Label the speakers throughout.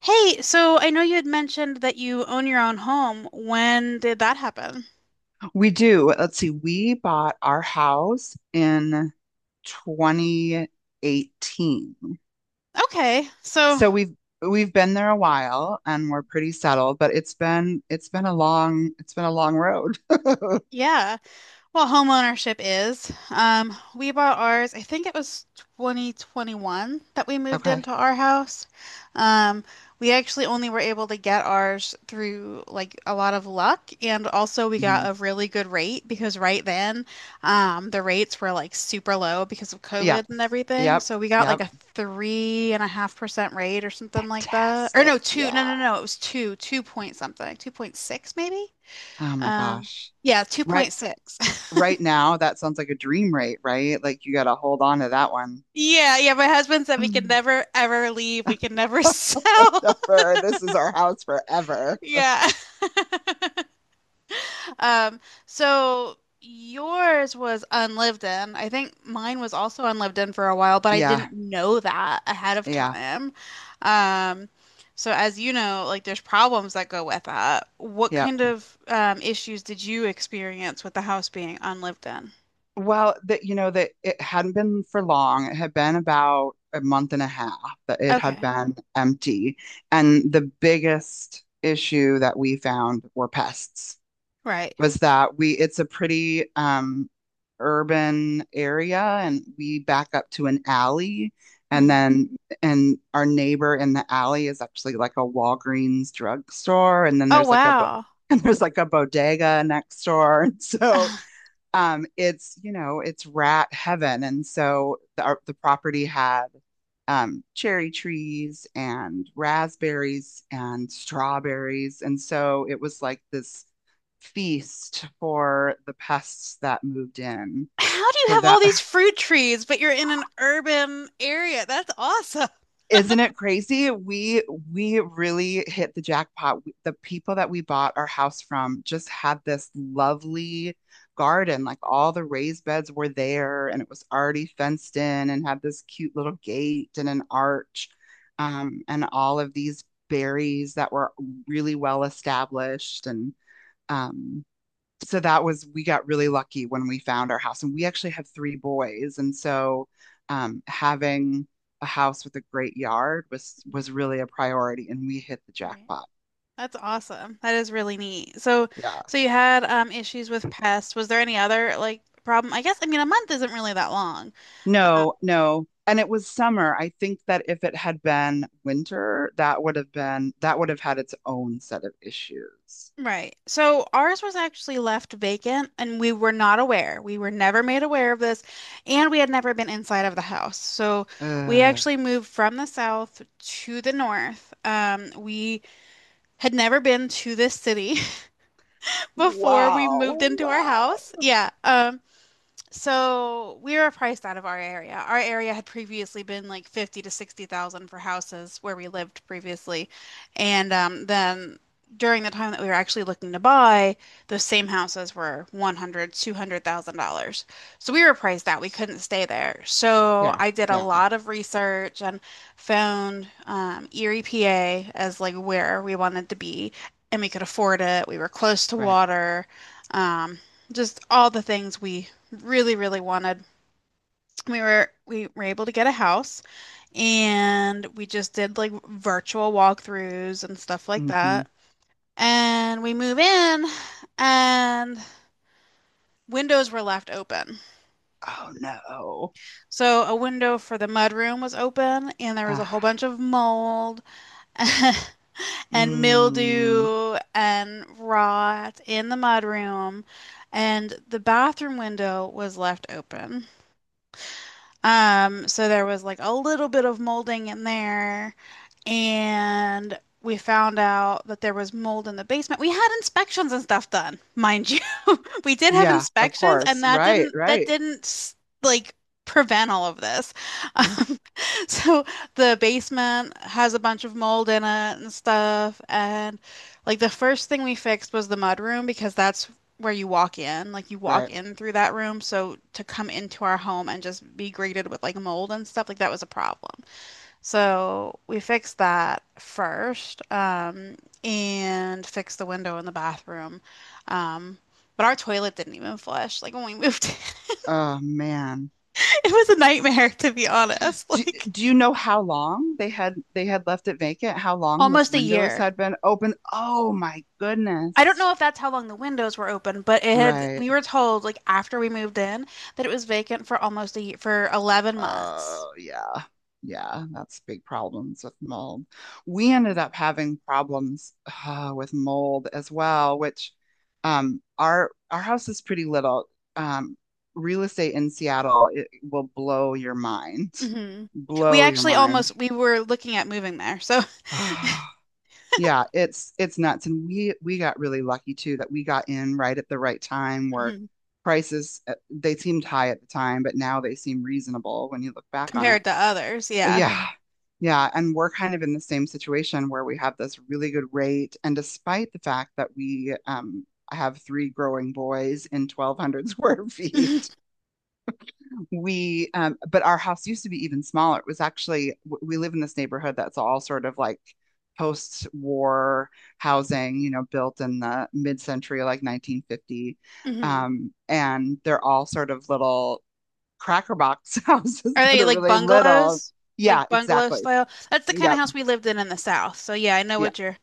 Speaker 1: Hey, so I know you had mentioned that you own your own home. When did that happen?
Speaker 2: We do. Let's see. We bought our house in 2018.
Speaker 1: Okay, so
Speaker 2: So we've been there a while and we're pretty settled, but it's been a long road.
Speaker 1: yeah. Well, home ownership is. We bought ours, I think it was 2021 that we moved
Speaker 2: Okay.
Speaker 1: into our house. Um, we actually only were able to get ours through like a lot of luck, and also we got a
Speaker 2: Mhm.
Speaker 1: really good rate because right then, the rates were like super low because of
Speaker 2: Yep.
Speaker 1: COVID and everything.
Speaker 2: Yep.
Speaker 1: So we got like
Speaker 2: Yep.
Speaker 1: a 3.5% rate or something like that. Or
Speaker 2: Fantastic.
Speaker 1: no, two, no,
Speaker 2: Yeah.
Speaker 1: no, no, it was two, 2 point something, 2.6 maybe.
Speaker 2: Oh my
Speaker 1: Um,
Speaker 2: gosh.
Speaker 1: yeah,
Speaker 2: Right
Speaker 1: 2.6.
Speaker 2: right now that sounds like a dream rate, right? Like you got to hold on to that one.
Speaker 1: Yeah, yeah, my husband said we could never ever leave. We could never sell.
Speaker 2: Forever. This is our house forever.
Speaker 1: Yeah. Um, so yours was unlived in. I think mine was also unlived in for a while, but I
Speaker 2: Yeah.
Speaker 1: didn't know that ahead of
Speaker 2: Yeah.
Speaker 1: time. Um, so as you know, like there's problems that go with that. What
Speaker 2: Yep.
Speaker 1: kind of issues did you experience with the house being unlived in?
Speaker 2: Well, that you know that it hadn't been for long. It had been about a month and a half that it had
Speaker 1: Okay.
Speaker 2: been empty. And the biggest issue that we found were pests.
Speaker 1: Right.
Speaker 2: Was that we it's a pretty urban area, and we back up to an alley, and
Speaker 1: Mhm.
Speaker 2: then and our neighbor in the alley is actually like a Walgreens drugstore, and then
Speaker 1: Oh,
Speaker 2: there's like a bo-
Speaker 1: wow.
Speaker 2: and there's like a bodega next door. And so it's you know it's rat heaven, and so the property had cherry trees and raspberries and strawberries, and so it was like this feast for the pests that moved in.
Speaker 1: How do you
Speaker 2: So
Speaker 1: have all
Speaker 2: that
Speaker 1: these fruit trees, but you're in an urban area? That's awesome.
Speaker 2: Isn't it crazy? We really hit the jackpot. The people that we bought our house from just had this lovely garden. Like all the raised beds were there and it was already fenced in and had this cute little gate and an arch. And all of these berries that were really well established. And um so that was, we got really lucky when we found our house, and we actually have three boys, and so having a house with a great yard was really a priority, and we hit the
Speaker 1: Right.
Speaker 2: jackpot.
Speaker 1: That's awesome. That is really neat. So,
Speaker 2: Yeah,
Speaker 1: so you had issues with pests. Was there any other like problem? I guess I mean a month isn't really that long. Uh,
Speaker 2: no and it was summer. I think that if it had been winter, that would have been, that would have had its own set of issues.
Speaker 1: right. So ours was actually left vacant and we were not aware. We were never made aware of this and we had never been inside of the house. So we
Speaker 2: uh,
Speaker 1: actually moved from the south to the north. We had never been to this city. before we moved
Speaker 2: wow,
Speaker 1: into our
Speaker 2: wow.
Speaker 1: house. Yeah. So we are priced out of our area. Our area had previously been like 50 to 60,000 for houses where we lived previously. And then during the time that we were actually looking to buy, those same houses were 100, $200,000. So we were priced out. We couldn't stay there. So
Speaker 2: Yeah.
Speaker 1: I did a
Speaker 2: Yeah.
Speaker 1: lot of research and found Erie, PA as like where we wanted to be and we could afford it. We were close to
Speaker 2: Right.
Speaker 1: water. Um, just all the things we really, really wanted. We were able to get a house and we just did like virtual walkthroughs and stuff like
Speaker 2: Hmm.
Speaker 1: that. And we move in and windows were left open.
Speaker 2: Oh no.
Speaker 1: So a window for the mudroom was open and there was
Speaker 2: uh,
Speaker 1: a whole bunch of mold and
Speaker 2: mm.
Speaker 1: mildew and rot in the mudroom and the bathroom window was left open. So there was like a little bit of molding in there, and we found out that there was mold in the basement. We had inspections and stuff done, mind you we did have
Speaker 2: Yeah, of
Speaker 1: inspections, and
Speaker 2: course.
Speaker 1: that
Speaker 2: Right,
Speaker 1: didn't that
Speaker 2: right.
Speaker 1: didn't like prevent all of this.
Speaker 2: r-
Speaker 1: Um, so the basement has a bunch of mold in it and stuff, and like the first thing we fixed was the mud room because that's where you walk in. Like you walk
Speaker 2: Right.
Speaker 1: in through that room, so to come into our home and just be greeted with like mold and stuff, like that was a problem. So we fixed that first, and fixed the window in the bathroom. Um, but our toilet didn't even flush. Like when we moved in,
Speaker 2: Oh man.
Speaker 1: it was a nightmare to be honest.
Speaker 2: Do,
Speaker 1: Like
Speaker 2: do you know how long they had left it vacant? How long those
Speaker 1: almost a
Speaker 2: windows
Speaker 1: year.
Speaker 2: had been open? Oh my
Speaker 1: I don't
Speaker 2: goodness.
Speaker 1: know if that's how long the windows were open, but it had,
Speaker 2: Right.
Speaker 1: we were told like after we moved in that it was vacant for almost a year, for 11 months.
Speaker 2: Oh yeah. Yeah, that's big problems with mold. We ended up having problems with mold as well, which our house is pretty little. Um Real estate in Seattle, it will blow your mind.
Speaker 1: Hmm. We
Speaker 2: Blow your
Speaker 1: actually
Speaker 2: mind.
Speaker 1: almost, we were looking at moving there. So
Speaker 2: Yeah, it's nuts. And we got really lucky too that we got in right at the right time where
Speaker 1: mhm,
Speaker 2: prices they seemed high at the time, but now they seem reasonable when you look back on it.
Speaker 1: compared to others, yeah.
Speaker 2: Yeah. Yeah, and we're kind of in the same situation where we have this really good rate, and despite the fact that we have three growing boys in 1,200 square feet. We but our house used to be even smaller. It was actually, we live in this neighborhood that's all sort of like post-war housing, you know, built in the mid-century, like 1950.
Speaker 1: hmm.
Speaker 2: And they're all sort of little cracker box
Speaker 1: Are
Speaker 2: houses that
Speaker 1: they
Speaker 2: are
Speaker 1: like
Speaker 2: really little.
Speaker 1: bungalows?
Speaker 2: Yeah,
Speaker 1: Like bungalow
Speaker 2: exactly.
Speaker 1: style? That's the kind of
Speaker 2: Yep.
Speaker 1: house we lived in the South. So yeah, I know
Speaker 2: Yeah.
Speaker 1: what you're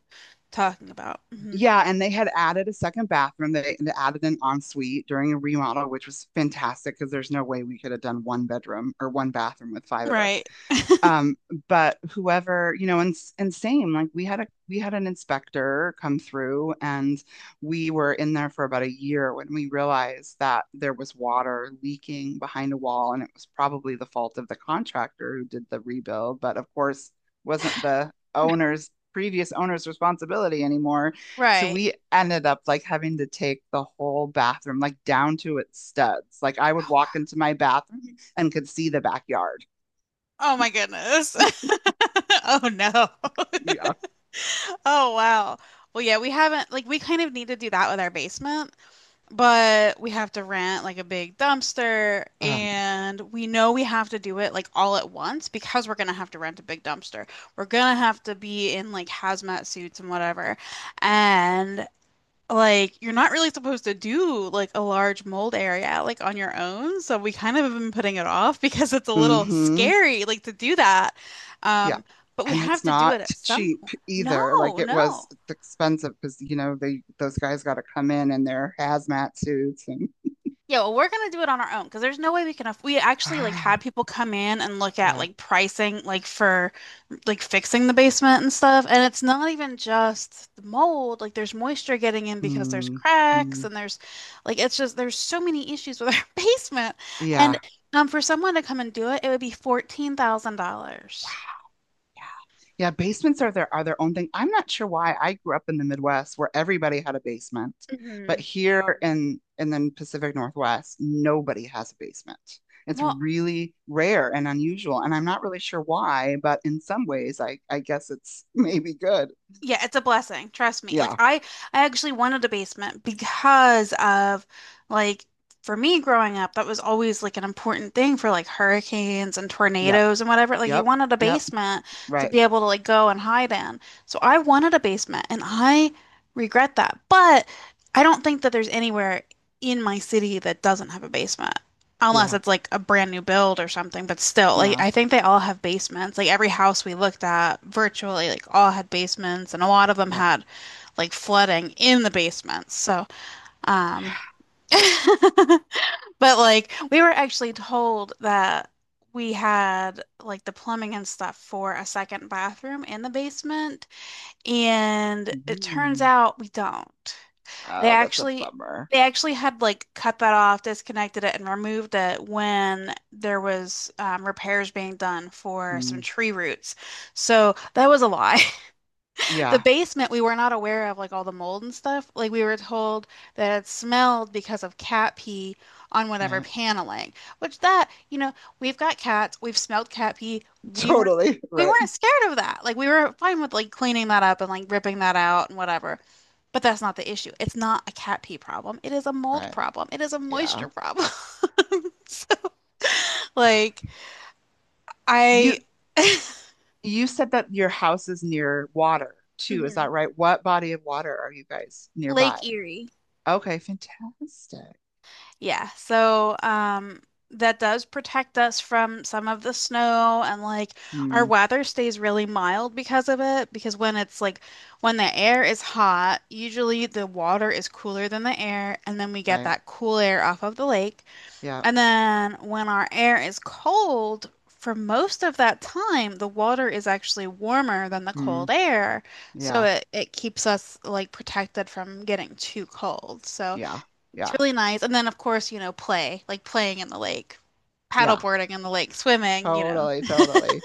Speaker 1: talking about. Hmm.
Speaker 2: Yeah, and they had added a second bathroom. They added an ensuite during a remodel, which was fantastic because there's no way we could have done one bedroom or one bathroom with five of us.
Speaker 1: Right.
Speaker 2: Um, but whoever, you know, and same, like we had an inspector come through, and we were in there for about a year when we realized that there was water leaking behind a wall, and it was probably the fault of the contractor who did the rebuild, but of course wasn't the owner's responsibility anymore. So
Speaker 1: Right.
Speaker 2: we ended up like having to take the whole bathroom like down to its studs. Like I would walk into my bathroom and could see the backyard.
Speaker 1: Oh my goodness. Oh no.
Speaker 2: Yeah.
Speaker 1: Oh wow. Well, yeah, we haven't like we kind of need to do that with our basement, but we have to rent like a big dumpster
Speaker 2: Um,
Speaker 1: and we know we have to do it like all at once because we're gonna have to rent a big dumpster. We're gonna have to be in like hazmat suits and whatever. And like you're not really supposed to do like a large mold area like on your own. So we kind of have been putting it off because it's a little
Speaker 2: hmm.
Speaker 1: scary like to do that.
Speaker 2: Yeah.
Speaker 1: Um, but we
Speaker 2: And
Speaker 1: have
Speaker 2: it's
Speaker 1: to do
Speaker 2: not
Speaker 1: it at some
Speaker 2: cheap
Speaker 1: point.
Speaker 2: either. Like
Speaker 1: No, no.
Speaker 2: it's expensive because, you know, they, those guys got to come in their hazmat suits and
Speaker 1: Yeah, well, we're gonna do it on our own because there's no way we can aff we actually like had people come in and look at
Speaker 2: yeah.
Speaker 1: like pricing like for like fixing the basement and stuff. And it's not even just the mold. Like there's moisture getting in because there's
Speaker 2: Mm,
Speaker 1: cracks
Speaker 2: mm,
Speaker 1: and there's like it's just there's so many issues with our basement. And
Speaker 2: yeah.
Speaker 1: for someone to come and do it, it would be
Speaker 2: Wow.
Speaker 1: $14,000.
Speaker 2: Yeah. Yeah, basements are their own thing. I'm not sure why. I grew up in the Midwest where everybody had a basement, but
Speaker 1: Hmm.
Speaker 2: here in the Pacific Northwest, nobody has a basement. It's
Speaker 1: Well,
Speaker 2: really rare and unusual, and I'm not really sure why, but in some ways, I guess it's maybe good.
Speaker 1: yeah, it's a blessing. Trust me. Like
Speaker 2: Yeah.
Speaker 1: I actually wanted a basement because of like for me growing up, that was always like an important thing for like hurricanes and
Speaker 2: Yep.
Speaker 1: tornadoes and whatever. Like you
Speaker 2: Yep.
Speaker 1: wanted a
Speaker 2: Yep.
Speaker 1: basement to
Speaker 2: Right.
Speaker 1: be able to like go and hide in. So I wanted a basement and I regret that. But I don't think that there's anywhere in my city that doesn't have a basement. Unless
Speaker 2: Yeah.
Speaker 1: it's like a brand new build or something, but still, like
Speaker 2: Yeah.
Speaker 1: I think they all have basements. Like every house we looked at virtually, like all had basements, and a lot of them
Speaker 2: Yeah.
Speaker 1: had like flooding in the basements. So, um, but like we were actually told that we had like the plumbing and stuff for a second bathroom in the basement, and it turns
Speaker 2: Mm.
Speaker 1: out we don't. They
Speaker 2: Oh, that's a
Speaker 1: actually
Speaker 2: bummer.
Speaker 1: they actually had like cut that off, disconnected it, and removed it when there was repairs being done for some
Speaker 2: Mm.
Speaker 1: tree roots. So that was a lie. The
Speaker 2: Yeah.
Speaker 1: basement we were not aware of like all the mold and stuff. Like we were told that it smelled because of cat pee on whatever
Speaker 2: Right.
Speaker 1: paneling. Which that, you know, we've got cats, we've smelled cat pee. We weren't
Speaker 2: Totally.
Speaker 1: we
Speaker 2: Right.
Speaker 1: weren't scared of that. Like we were fine with like cleaning that up and like ripping that out and whatever. But that's not the issue. It's not a cat pee problem. It is a mold
Speaker 2: Right.
Speaker 1: problem. It is a
Speaker 2: Yeah.
Speaker 1: moisture problem. like I
Speaker 2: You You said that your house is near water too, is
Speaker 1: mhm.
Speaker 2: that right? What body of water are you guys
Speaker 1: Lake
Speaker 2: nearby?
Speaker 1: Erie.
Speaker 2: Okay, fantastic.
Speaker 1: Yeah. So that does protect us from some of the snow and like our
Speaker 2: Mm,
Speaker 1: weather stays really mild because of it because when it's like when the air is hot, usually the water is cooler than the air and then we get
Speaker 2: right.
Speaker 1: that cool air off of the lake.
Speaker 2: Yeah.
Speaker 1: And then when our air is cold, for most of that time, the water is actually warmer than the cold
Speaker 2: Mm,
Speaker 1: air. So
Speaker 2: yeah.
Speaker 1: it keeps us like protected from getting too cold. So
Speaker 2: Yeah.
Speaker 1: it's
Speaker 2: Yeah.
Speaker 1: really nice. And then, of course, you know, play, like playing in the lake,
Speaker 2: Yeah.
Speaker 1: paddleboarding in the lake, swimming, you know.
Speaker 2: Totally, totally.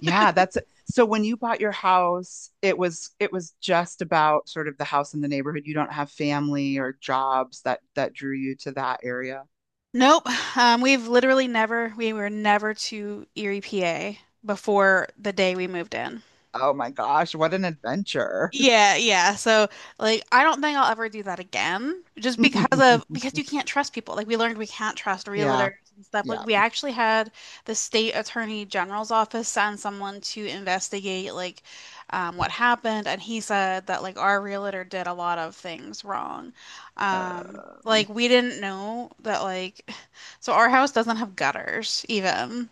Speaker 2: Yeah, that's, so when you bought your house, it was just about sort of the house in the neighborhood. You don't have family or jobs that drew you to that area.
Speaker 1: Nope. We've literally never, we were never to Erie, PA before the day we moved in.
Speaker 2: Oh my gosh, what an adventure.
Speaker 1: Yeah, yeah. So like I don't think I'll ever do that again just because of because you can't trust people. Like we learned we can't trust
Speaker 2: Yeah.
Speaker 1: realtors and stuff. Like
Speaker 2: Yeah.
Speaker 1: we actually had the state attorney general's office send someone to investigate like what happened and he said that like our realtor did a lot of things wrong. Like
Speaker 2: Um,
Speaker 1: we didn't know that like so our house doesn't have gutters even.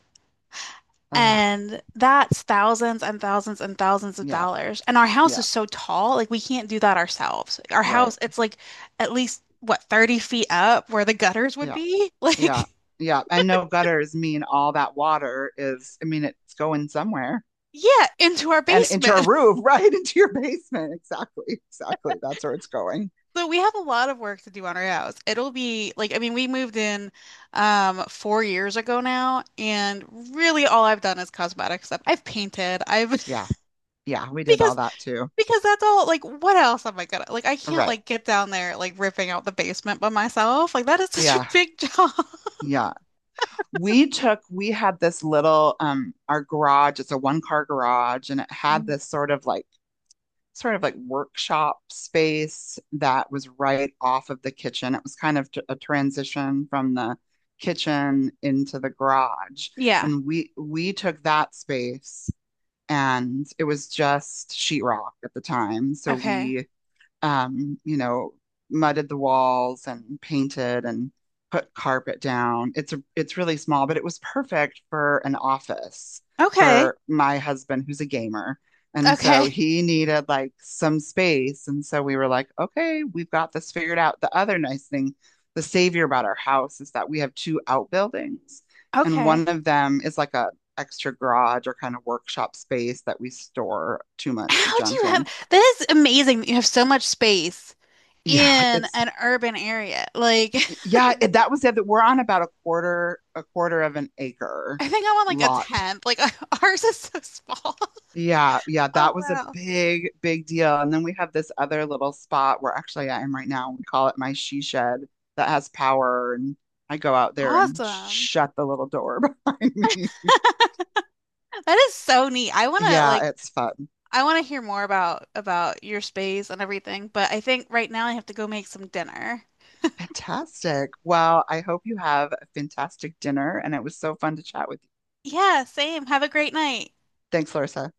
Speaker 2: ah.
Speaker 1: And that's thousands and thousands and thousands of
Speaker 2: Yeah,
Speaker 1: dollars. And our house
Speaker 2: yeah,
Speaker 1: is so tall, like we can't do that ourselves. Our
Speaker 2: right.
Speaker 1: house, it's like at least what, 30 feet up where the gutters would
Speaker 2: Yeah,
Speaker 1: be?
Speaker 2: yeah,
Speaker 1: Like,
Speaker 2: yeah. And no gutters mean all that water is, I mean, it's going somewhere
Speaker 1: yeah, into our
Speaker 2: and into your
Speaker 1: basement.
Speaker 2: roof, right? Into your basement. Exactly, exactly. That's where it's going.
Speaker 1: So we have a lot of work to do on our house. It'll be like, I mean, we moved in 4 years ago now, and really all I've done is cosmetic stuff. I've painted, I've
Speaker 2: Yeah, yeah. We did all
Speaker 1: because
Speaker 2: that too.
Speaker 1: Because that's all, like, what else am I gonna, like, I can't,
Speaker 2: Right.
Speaker 1: like, get down there, like, ripping out the basement by myself. Like, that is such a
Speaker 2: Yeah,
Speaker 1: big job.
Speaker 2: yeah. We took, we had this little, our garage, it's a one car garage, and it had
Speaker 1: Mhm.
Speaker 2: this sort of like workshop space that was right off of the kitchen. It was kind of a transition from the kitchen into the garage.
Speaker 1: Yeah.
Speaker 2: And we took that space, and it was just sheetrock at the time. So
Speaker 1: Okay.
Speaker 2: we you know, mudded the walls and painted and put carpet down. It's really small, but it was perfect for an office
Speaker 1: Okay.
Speaker 2: for my husband who's a gamer. And so
Speaker 1: Okay.
Speaker 2: he needed like some space. And so we were like, okay, we've got this figured out. The other nice thing, the savior about our house is that we have two outbuildings, and
Speaker 1: Okay.
Speaker 2: one of them is like a extra garage or kind of workshop space that we store too much
Speaker 1: How do
Speaker 2: junk
Speaker 1: you have,
Speaker 2: in.
Speaker 1: that is amazing that you have so much space
Speaker 2: Yeah,
Speaker 1: in
Speaker 2: it's
Speaker 1: an urban area. Like,
Speaker 2: yeah, that was the other. We're on about a quarter of an acre
Speaker 1: I think I'm on, like, a
Speaker 2: lot.
Speaker 1: tenth. Like, ours is so small.
Speaker 2: Yeah, yeah,
Speaker 1: Oh,
Speaker 2: that was a
Speaker 1: wow.
Speaker 2: big, big deal. And then we have this other little spot where actually I am right now. We call it my she shed that has power, and I go out there and
Speaker 1: Awesome.
Speaker 2: shut the little door behind me.
Speaker 1: That is so neat. I want to,
Speaker 2: Yeah,
Speaker 1: like,
Speaker 2: it's fun.
Speaker 1: I want to hear more about your space and everything, but I think right now I have to go make some dinner.
Speaker 2: Fantastic. Well, I hope you have a fantastic dinner, and it was so fun to chat with you.
Speaker 1: Yeah, same. Have a great night.
Speaker 2: Thanks, Larissa.